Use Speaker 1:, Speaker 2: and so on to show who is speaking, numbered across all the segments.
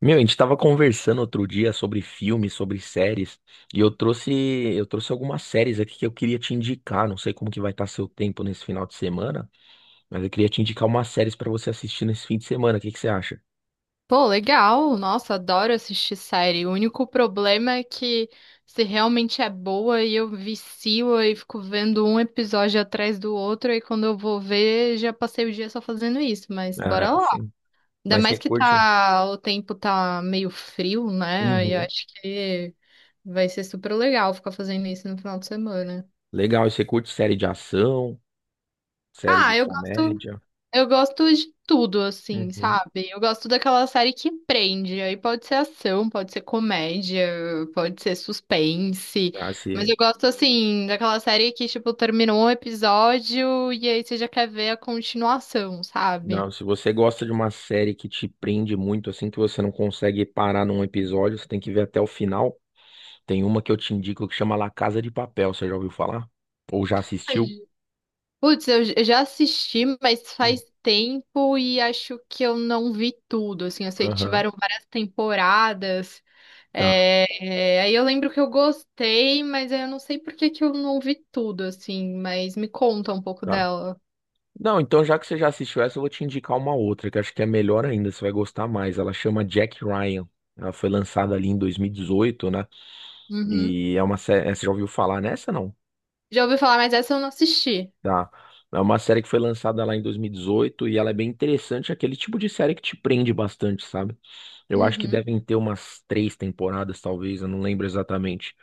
Speaker 1: Meu, a gente tava conversando outro dia sobre filmes, sobre séries, e eu trouxe algumas séries aqui que eu queria te indicar. Não sei como que vai estar seu tempo nesse final de semana, mas eu queria te indicar umas séries pra você assistir nesse fim de semana. O que que você acha?
Speaker 2: Pô, legal. Nossa, adoro assistir série. O único problema é que se realmente é boa e eu vicio e fico vendo um episódio atrás do outro e quando eu vou ver, já passei o dia só fazendo isso, mas bora
Speaker 1: Ah,
Speaker 2: lá.
Speaker 1: sim.
Speaker 2: Ainda
Speaker 1: Mas
Speaker 2: mais
Speaker 1: você
Speaker 2: que
Speaker 1: curte?
Speaker 2: o tempo tá meio frio, né? Aí eu
Speaker 1: Uhum.
Speaker 2: acho que vai ser super legal ficar fazendo isso no final de semana.
Speaker 1: Legal, e você curte série de ação, série de
Speaker 2: Ah, eu gosto
Speaker 1: comédia?
Speaker 2: Eu gosto de tudo, assim,
Speaker 1: Uhum.
Speaker 2: sabe? Eu gosto daquela série que prende. Aí pode ser ação, pode ser comédia, pode ser suspense.
Speaker 1: Ah,
Speaker 2: Mas
Speaker 1: se...
Speaker 2: eu gosto, assim, daquela série que, tipo, terminou um episódio e aí você já quer ver a continuação, sabe?
Speaker 1: Não, se você gosta de uma série que te prende muito, assim, que você não consegue parar num episódio, você tem que ver até o final. Tem uma que eu te indico que chama La Casa de Papel, você já ouviu falar? Ou já assistiu?
Speaker 2: Putz, eu já assisti, mas faz
Speaker 1: Hum.
Speaker 2: tempo e acho que eu não vi tudo. Assim, eu sei que
Speaker 1: Aham.
Speaker 2: tiveram várias temporadas.
Speaker 1: Tá,
Speaker 2: É, é, aí eu lembro que eu gostei, mas eu não sei por que que eu não ouvi tudo, assim, mas me conta um pouco
Speaker 1: tá.
Speaker 2: dela.
Speaker 1: Não, então já que você já assistiu essa, eu vou te indicar uma outra, que acho que é melhor ainda, você vai gostar mais. Ela chama Jack Ryan. Ela foi lançada ali em 2018, né?
Speaker 2: Uhum.
Speaker 1: E é uma série. Você já ouviu falar nessa, não?
Speaker 2: Já ouvi falar, mas essa eu não assisti.
Speaker 1: Tá. É uma série que foi lançada lá em 2018 e dezoito e ela é bem interessante, é aquele tipo de série que te prende bastante, sabe? Eu acho que
Speaker 2: Uhum.
Speaker 1: devem ter umas três temporadas, talvez, eu não lembro exatamente.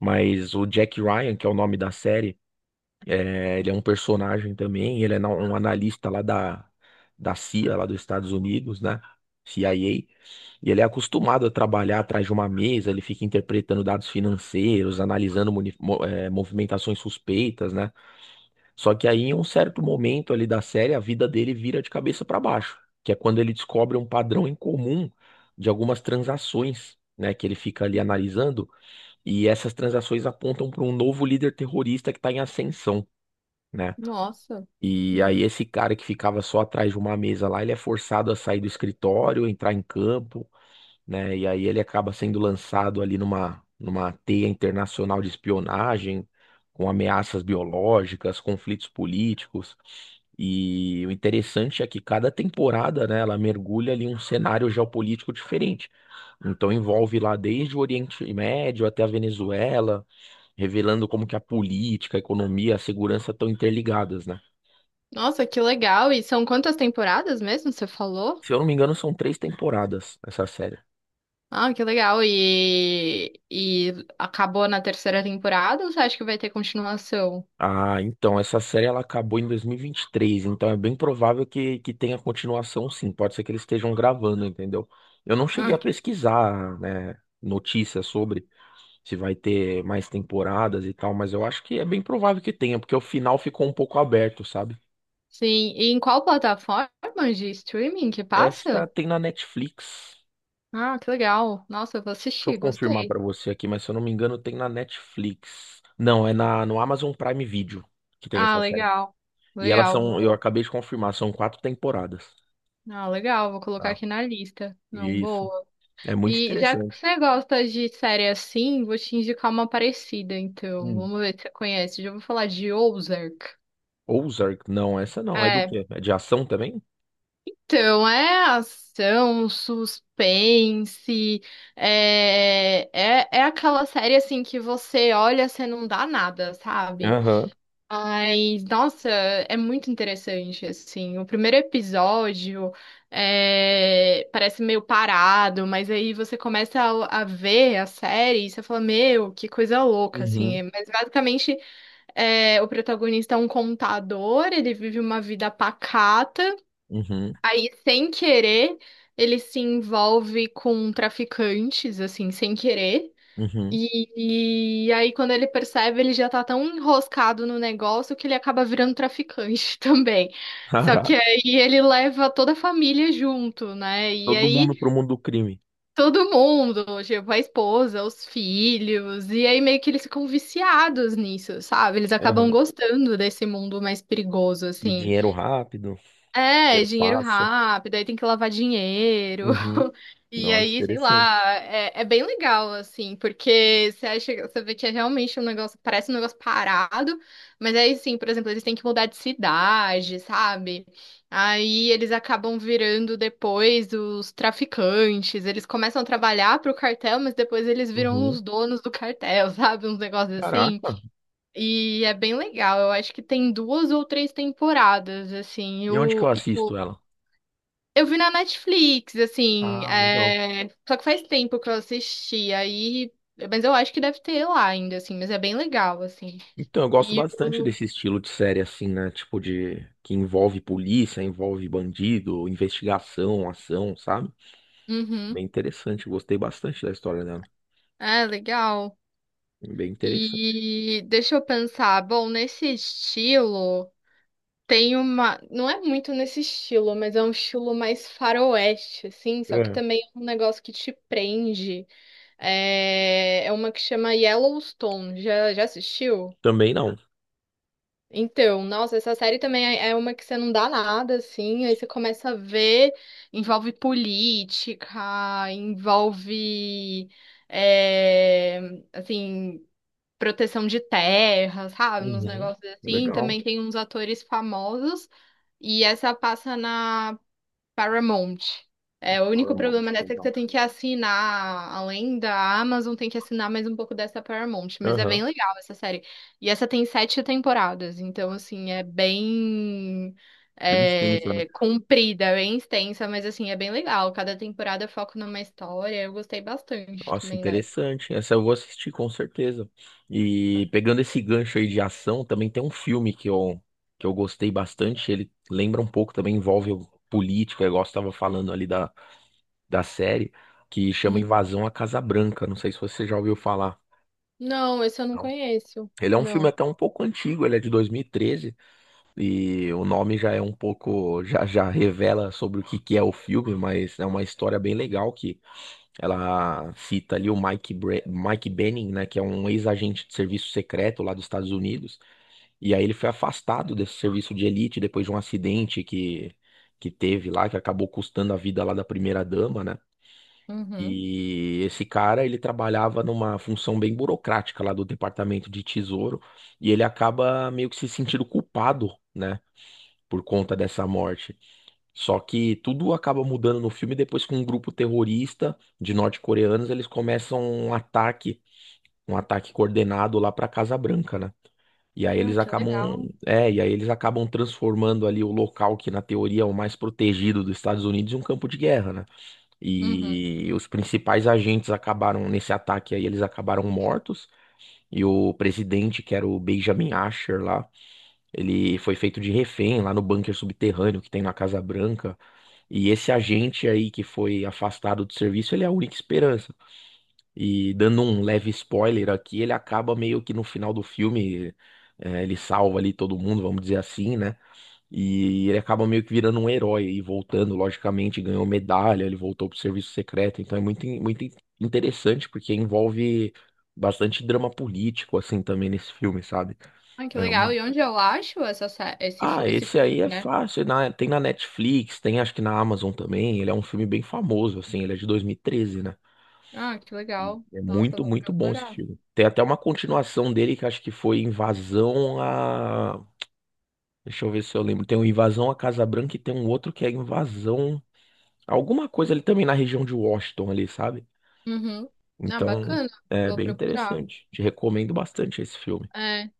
Speaker 1: Mas o Jack Ryan, que é o nome da série, ele é um personagem também, ele é um analista lá da CIA, lá dos Estados Unidos, né? CIA. E ele é acostumado a trabalhar atrás de uma mesa, ele fica interpretando dados financeiros, analisando movimentações suspeitas, né? Só que aí, em um certo momento ali da série, a vida dele vira de cabeça para baixo, que é quando ele descobre um padrão em comum de algumas transações, né, que ele fica ali analisando, e essas transações apontam para um novo líder terrorista que está em ascensão, né?
Speaker 2: Nossa.
Speaker 1: E aí esse cara que ficava só atrás de uma mesa lá, ele é forçado a sair do escritório, entrar em campo, né? E aí ele acaba sendo lançado ali numa teia internacional de espionagem, com ameaças biológicas, conflitos políticos. E o interessante é que cada temporada, né, ela mergulha ali em um cenário geopolítico diferente. Então envolve lá desde o Oriente Médio até a Venezuela, revelando como que a política, a economia, a segurança estão interligadas, né?
Speaker 2: Nossa, que legal. E são quantas temporadas mesmo, você falou?
Speaker 1: Se eu não me engano, são três temporadas essa série.
Speaker 2: Ah, que legal. E acabou na terceira temporada ou você acha que vai ter continuação?
Speaker 1: Ah, então, essa série ela acabou em dois mil e vinte e três. Então é bem provável que tenha continuação, sim. Pode ser que eles estejam gravando, entendeu? Eu não cheguei
Speaker 2: Ah,
Speaker 1: a
Speaker 2: que-
Speaker 1: pesquisar, né, notícias sobre se vai ter mais temporadas e tal, mas eu acho que é bem provável que tenha, porque o final ficou um pouco aberto, sabe?
Speaker 2: sim. E em qual plataforma de streaming que
Speaker 1: Essa
Speaker 2: passa?
Speaker 1: tem na Netflix.
Speaker 2: Ah, que legal. Nossa, eu vou
Speaker 1: Deixa eu
Speaker 2: assistir,
Speaker 1: confirmar
Speaker 2: gostei.
Speaker 1: pra você aqui, mas se eu não me engano, tem na Netflix. Não, é no Amazon Prime Video que tem
Speaker 2: Ah,
Speaker 1: essa série.
Speaker 2: legal.
Speaker 1: E elas
Speaker 2: Legal,
Speaker 1: são,
Speaker 2: vou.
Speaker 1: eu acabei de confirmar, são quatro temporadas.
Speaker 2: Ah, legal, vou colocar
Speaker 1: Tá?
Speaker 2: aqui na lista. Não,
Speaker 1: Isso.
Speaker 2: boa.
Speaker 1: É muito
Speaker 2: E já que
Speaker 1: interessante.
Speaker 2: você gosta de série assim, vou te indicar uma parecida, então.
Speaker 1: Hum.
Speaker 2: Vamos ver se você conhece. Já vou falar de Ozark.
Speaker 1: Ozark, não, essa não. É do
Speaker 2: É,
Speaker 1: quê? É de ação também?
Speaker 2: então é ação, suspense, é, é, é aquela série assim que você olha, você não dá nada, sabe?
Speaker 1: Aham.
Speaker 2: Ai, nossa, é muito interessante, assim. O primeiro episódio é, parece meio parado, mas aí você começa a ver a série e você fala, meu, que coisa louca,
Speaker 1: Uhum.
Speaker 2: assim. Mas basicamente é, o protagonista é um contador, ele vive uma vida pacata,
Speaker 1: Uhum.
Speaker 2: aí sem querer ele se envolve com traficantes, assim, sem querer.
Speaker 1: Uhum.
Speaker 2: E aí, quando ele percebe, ele já tá tão enroscado no negócio que ele acaba virando traficante também. Só que
Speaker 1: Caraca.
Speaker 2: aí ele leva toda a família junto, né? E
Speaker 1: Todo mundo
Speaker 2: aí
Speaker 1: pro mundo do crime.
Speaker 2: todo mundo, tipo, a esposa, os filhos, e aí meio que eles ficam viciados nisso, sabe? Eles acabam
Speaker 1: Aham.
Speaker 2: gostando desse mundo mais perigoso,
Speaker 1: De
Speaker 2: assim.
Speaker 1: dinheiro rápido,
Speaker 2: É,
Speaker 1: dinheiro
Speaker 2: dinheiro
Speaker 1: fácil.
Speaker 2: rápido, aí tem que lavar dinheiro.
Speaker 1: Uhum.
Speaker 2: E
Speaker 1: Nossa,
Speaker 2: aí, sei
Speaker 1: interessante.
Speaker 2: lá, é, é bem legal, assim, porque você acha, você vê que é realmente um negócio, parece um negócio parado, mas aí sim, por exemplo, eles têm que mudar de cidade, sabe? Aí eles acabam virando depois os traficantes, eles começam a trabalhar pro cartel, mas depois eles viram
Speaker 1: Uhum.
Speaker 2: os donos do cartel, sabe? Uns negócios assim.
Speaker 1: Caraca.
Speaker 2: E é bem legal, eu acho que tem duas ou três temporadas, assim, e
Speaker 1: E onde que eu
Speaker 2: o,
Speaker 1: assisto ela?
Speaker 2: eu vi na Netflix, assim,
Speaker 1: Ah, legal.
Speaker 2: é, só que faz tempo que eu assisti, aí, mas eu acho que deve ter lá ainda, assim, mas é bem legal, assim.
Speaker 1: Então, eu gosto
Speaker 2: E
Speaker 1: bastante
Speaker 2: o...
Speaker 1: desse estilo de série assim, né? Tipo de que envolve polícia, envolve bandido, investigação, ação, sabe?
Speaker 2: Uhum.
Speaker 1: Bem interessante. Eu gostei bastante da história dela.
Speaker 2: É, legal.
Speaker 1: Bem interessante.
Speaker 2: E deixa eu pensar, bom, nesse estilo, tem uma, não é muito nesse estilo, mas é um estilo mais faroeste, assim, só que
Speaker 1: É.
Speaker 2: também é um negócio que te prende. É, é uma que chama Yellowstone, já, já assistiu?
Speaker 1: Também não.
Speaker 2: Então, nossa, essa série também é uma que você não dá nada, assim, aí você começa a ver, envolve política, envolve, é, assim, proteção de terras, sabe? Uns
Speaker 1: Uhum.
Speaker 2: negócios assim.
Speaker 1: Legal.
Speaker 2: Também tem uns atores famosos, e essa passa na Paramount. É, o único
Speaker 1: Paramount,
Speaker 2: problema dessa é que
Speaker 1: então.
Speaker 2: você tem que assinar, além da Amazon, tem que assinar mais um pouco dessa Paramount. Mas é bem
Speaker 1: Aham.
Speaker 2: legal essa série. E essa tem sete temporadas, então, assim, é bem
Speaker 1: Bem extenso, né?
Speaker 2: é, comprida, bem extensa, mas, assim, é bem legal. Cada temporada foca numa história. Eu gostei bastante
Speaker 1: Nossa,
Speaker 2: também dessa.
Speaker 1: interessante. Essa eu vou assistir com certeza. E pegando esse gancho aí de ação, também tem um filme que eu gostei bastante. Ele lembra um pouco, também envolve o político, é igual você estava falando ali da série, que chama
Speaker 2: Hum.
Speaker 1: Invasão à Casa Branca. Não sei se você já ouviu falar.
Speaker 2: Não, esse eu não
Speaker 1: Não.
Speaker 2: conheço.
Speaker 1: Ele é um filme
Speaker 2: Não.
Speaker 1: até um pouco antigo, ele é de 2013. E o nome já é um pouco, já revela sobre o que que é o filme, mas é uma história bem legal que ela cita ali o Mike Benning, né, que é um ex-agente de serviço secreto lá dos Estados Unidos, e aí ele foi afastado desse serviço de elite depois de um acidente que teve lá, que acabou custando a vida lá da primeira-dama, né?
Speaker 2: Uhum.
Speaker 1: E esse cara, ele trabalhava numa função bem burocrática lá do Departamento de Tesouro, e ele acaba meio que se sentindo culpado, né, por conta dessa morte. Só que tudo acaba mudando no filme depois que um grupo terrorista de norte-coreanos eles começam um ataque coordenado lá para Casa Branca, né? E aí
Speaker 2: Ah,
Speaker 1: eles
Speaker 2: que
Speaker 1: acabam,
Speaker 2: legal.
Speaker 1: é, e aí eles acabam transformando ali o local que na teoria é o mais protegido dos Estados Unidos em um campo de guerra, né?
Speaker 2: Uhum.
Speaker 1: E os principais agentes acabaram nesse ataque aí, eles acabaram mortos. E o presidente, que era o Benjamin Asher lá, ele foi feito de refém lá no bunker subterrâneo que tem na Casa Branca. E esse agente aí que foi afastado do serviço, ele é a única esperança. E dando um leve spoiler aqui, ele acaba meio que no final do filme, ele salva ali todo mundo, vamos dizer assim, né? E ele acaba meio que virando um herói e voltando, logicamente, ganhou medalha, ele voltou pro serviço secreto. Então é muito interessante porque envolve bastante drama político, assim, também nesse filme, sabe?
Speaker 2: Ah, que
Speaker 1: É
Speaker 2: legal.
Speaker 1: uma
Speaker 2: E onde eu acho essa, sé- esse, fi-
Speaker 1: ah,
Speaker 2: esse
Speaker 1: esse
Speaker 2: filme,
Speaker 1: aí é
Speaker 2: né?
Speaker 1: fácil. Tem na Netflix, tem acho que na Amazon também. Ele é um filme bem famoso, assim. Ele é de 2013, né?
Speaker 2: Ah, que
Speaker 1: E
Speaker 2: legal.
Speaker 1: é
Speaker 2: Nossa, eu
Speaker 1: muito,
Speaker 2: vou
Speaker 1: muito bom esse
Speaker 2: procurar.
Speaker 1: filme. Tem até uma continuação dele que acho que foi Invasão a. Deixa eu ver se eu lembro. Tem o Invasão a Casa Branca e tem um outro que é Invasão. Alguma coisa ali também na região de Washington ali, sabe?
Speaker 2: Uhum. Ah,
Speaker 1: Então,
Speaker 2: bacana.
Speaker 1: é
Speaker 2: Vou
Speaker 1: bem
Speaker 2: procurar.
Speaker 1: interessante. Te recomendo bastante esse filme.
Speaker 2: É.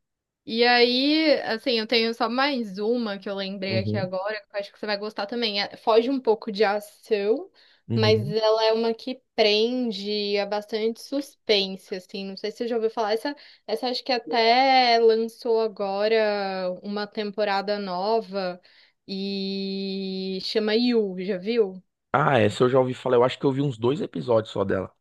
Speaker 2: E aí, assim, eu tenho só mais uma que eu lembrei aqui
Speaker 1: Uhum,
Speaker 2: agora, que eu acho que você vai gostar também. É- foge um pouco de ação, mas
Speaker 1: uhum.
Speaker 2: ela é uma que prende, é bastante suspense, assim. Não sei se você já ouviu falar. Essa acho que até lançou agora uma temporada nova e chama You, já viu?
Speaker 1: Ah, essa eu já ouvi falar. Eu acho que eu vi uns dois episódios só dela.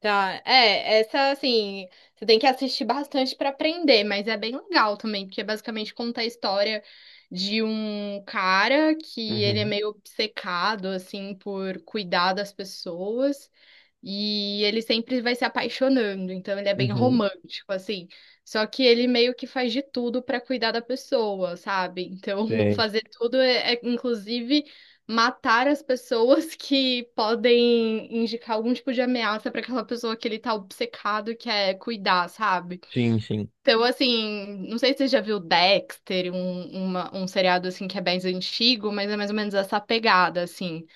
Speaker 2: Tá, é, essa assim, você tem que assistir bastante pra aprender, mas é bem legal também, porque é basicamente conta a história de um cara que ele é
Speaker 1: Uhum,
Speaker 2: meio obcecado assim por cuidar das pessoas e ele sempre vai se apaixonando, então ele é bem
Speaker 1: uhum.
Speaker 2: romântico assim. Só que ele meio que faz de tudo pra cuidar da pessoa, sabe? Então, o
Speaker 1: Sim,
Speaker 2: fazer tudo é, inclusive matar as pessoas que podem indicar algum tipo de ameaça pra aquela pessoa que ele tá obcecado que é cuidar, sabe?
Speaker 1: sim, sim.
Speaker 2: Então, assim, não sei se você já viu Dexter, um seriado assim que é bem antigo, mas é mais ou menos essa pegada, assim.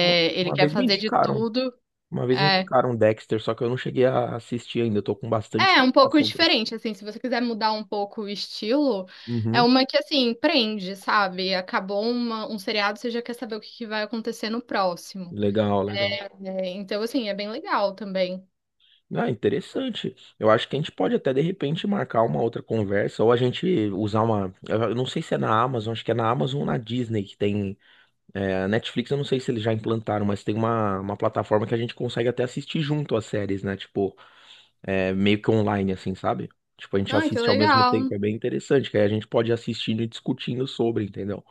Speaker 2: ele
Speaker 1: Uma
Speaker 2: quer
Speaker 1: vez me
Speaker 2: fazer de
Speaker 1: indicaram,
Speaker 2: tudo.
Speaker 1: uma vez me
Speaker 2: É,
Speaker 1: indicaram Dexter, só que eu não cheguei a assistir ainda, eu tô com bastante
Speaker 2: é um pouco
Speaker 1: indicação pra assistir.
Speaker 2: diferente, assim, se você quiser mudar um pouco o estilo, é
Speaker 1: Uhum,
Speaker 2: uma que, assim, prende, sabe? Acabou um seriado, você já quer saber o que que vai acontecer no próximo.
Speaker 1: legal, legal.
Speaker 2: É, então, assim, é bem legal também.
Speaker 1: Ah, interessante. Eu acho que a gente pode até de repente marcar uma outra conversa, ou a gente usar uma. Eu não sei se é na Amazon, acho que é na Amazon ou na Disney que tem. É, a Netflix, eu não sei se eles já implantaram, mas tem uma plataforma que a gente consegue até assistir junto as séries, né? Tipo, meio que online, assim, sabe? Tipo, a gente
Speaker 2: Ai, que
Speaker 1: assiste ao mesmo tempo,
Speaker 2: legal.
Speaker 1: é bem interessante, que aí a gente pode ir assistindo e discutindo sobre, entendeu?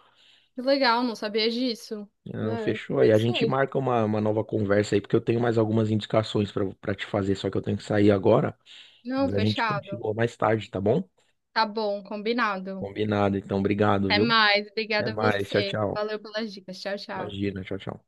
Speaker 2: Que legal, não sabia disso.
Speaker 1: Não,
Speaker 2: É,
Speaker 1: fechou. Aí a gente
Speaker 2: interessante.
Speaker 1: marca uma nova conversa aí, porque eu tenho mais algumas indicações pra para te fazer, só que eu tenho que sair agora.
Speaker 2: Não,
Speaker 1: Mas a gente
Speaker 2: fechado.
Speaker 1: continua mais tarde, tá bom?
Speaker 2: Tá bom, combinado.
Speaker 1: Combinado, então, obrigado,
Speaker 2: Até
Speaker 1: viu?
Speaker 2: mais.
Speaker 1: Até
Speaker 2: Obrigada a
Speaker 1: mais, tchau,
Speaker 2: você.
Speaker 1: tchau.
Speaker 2: Valeu pelas dicas. Tchau, tchau.
Speaker 1: Imagina, tchau, tchau.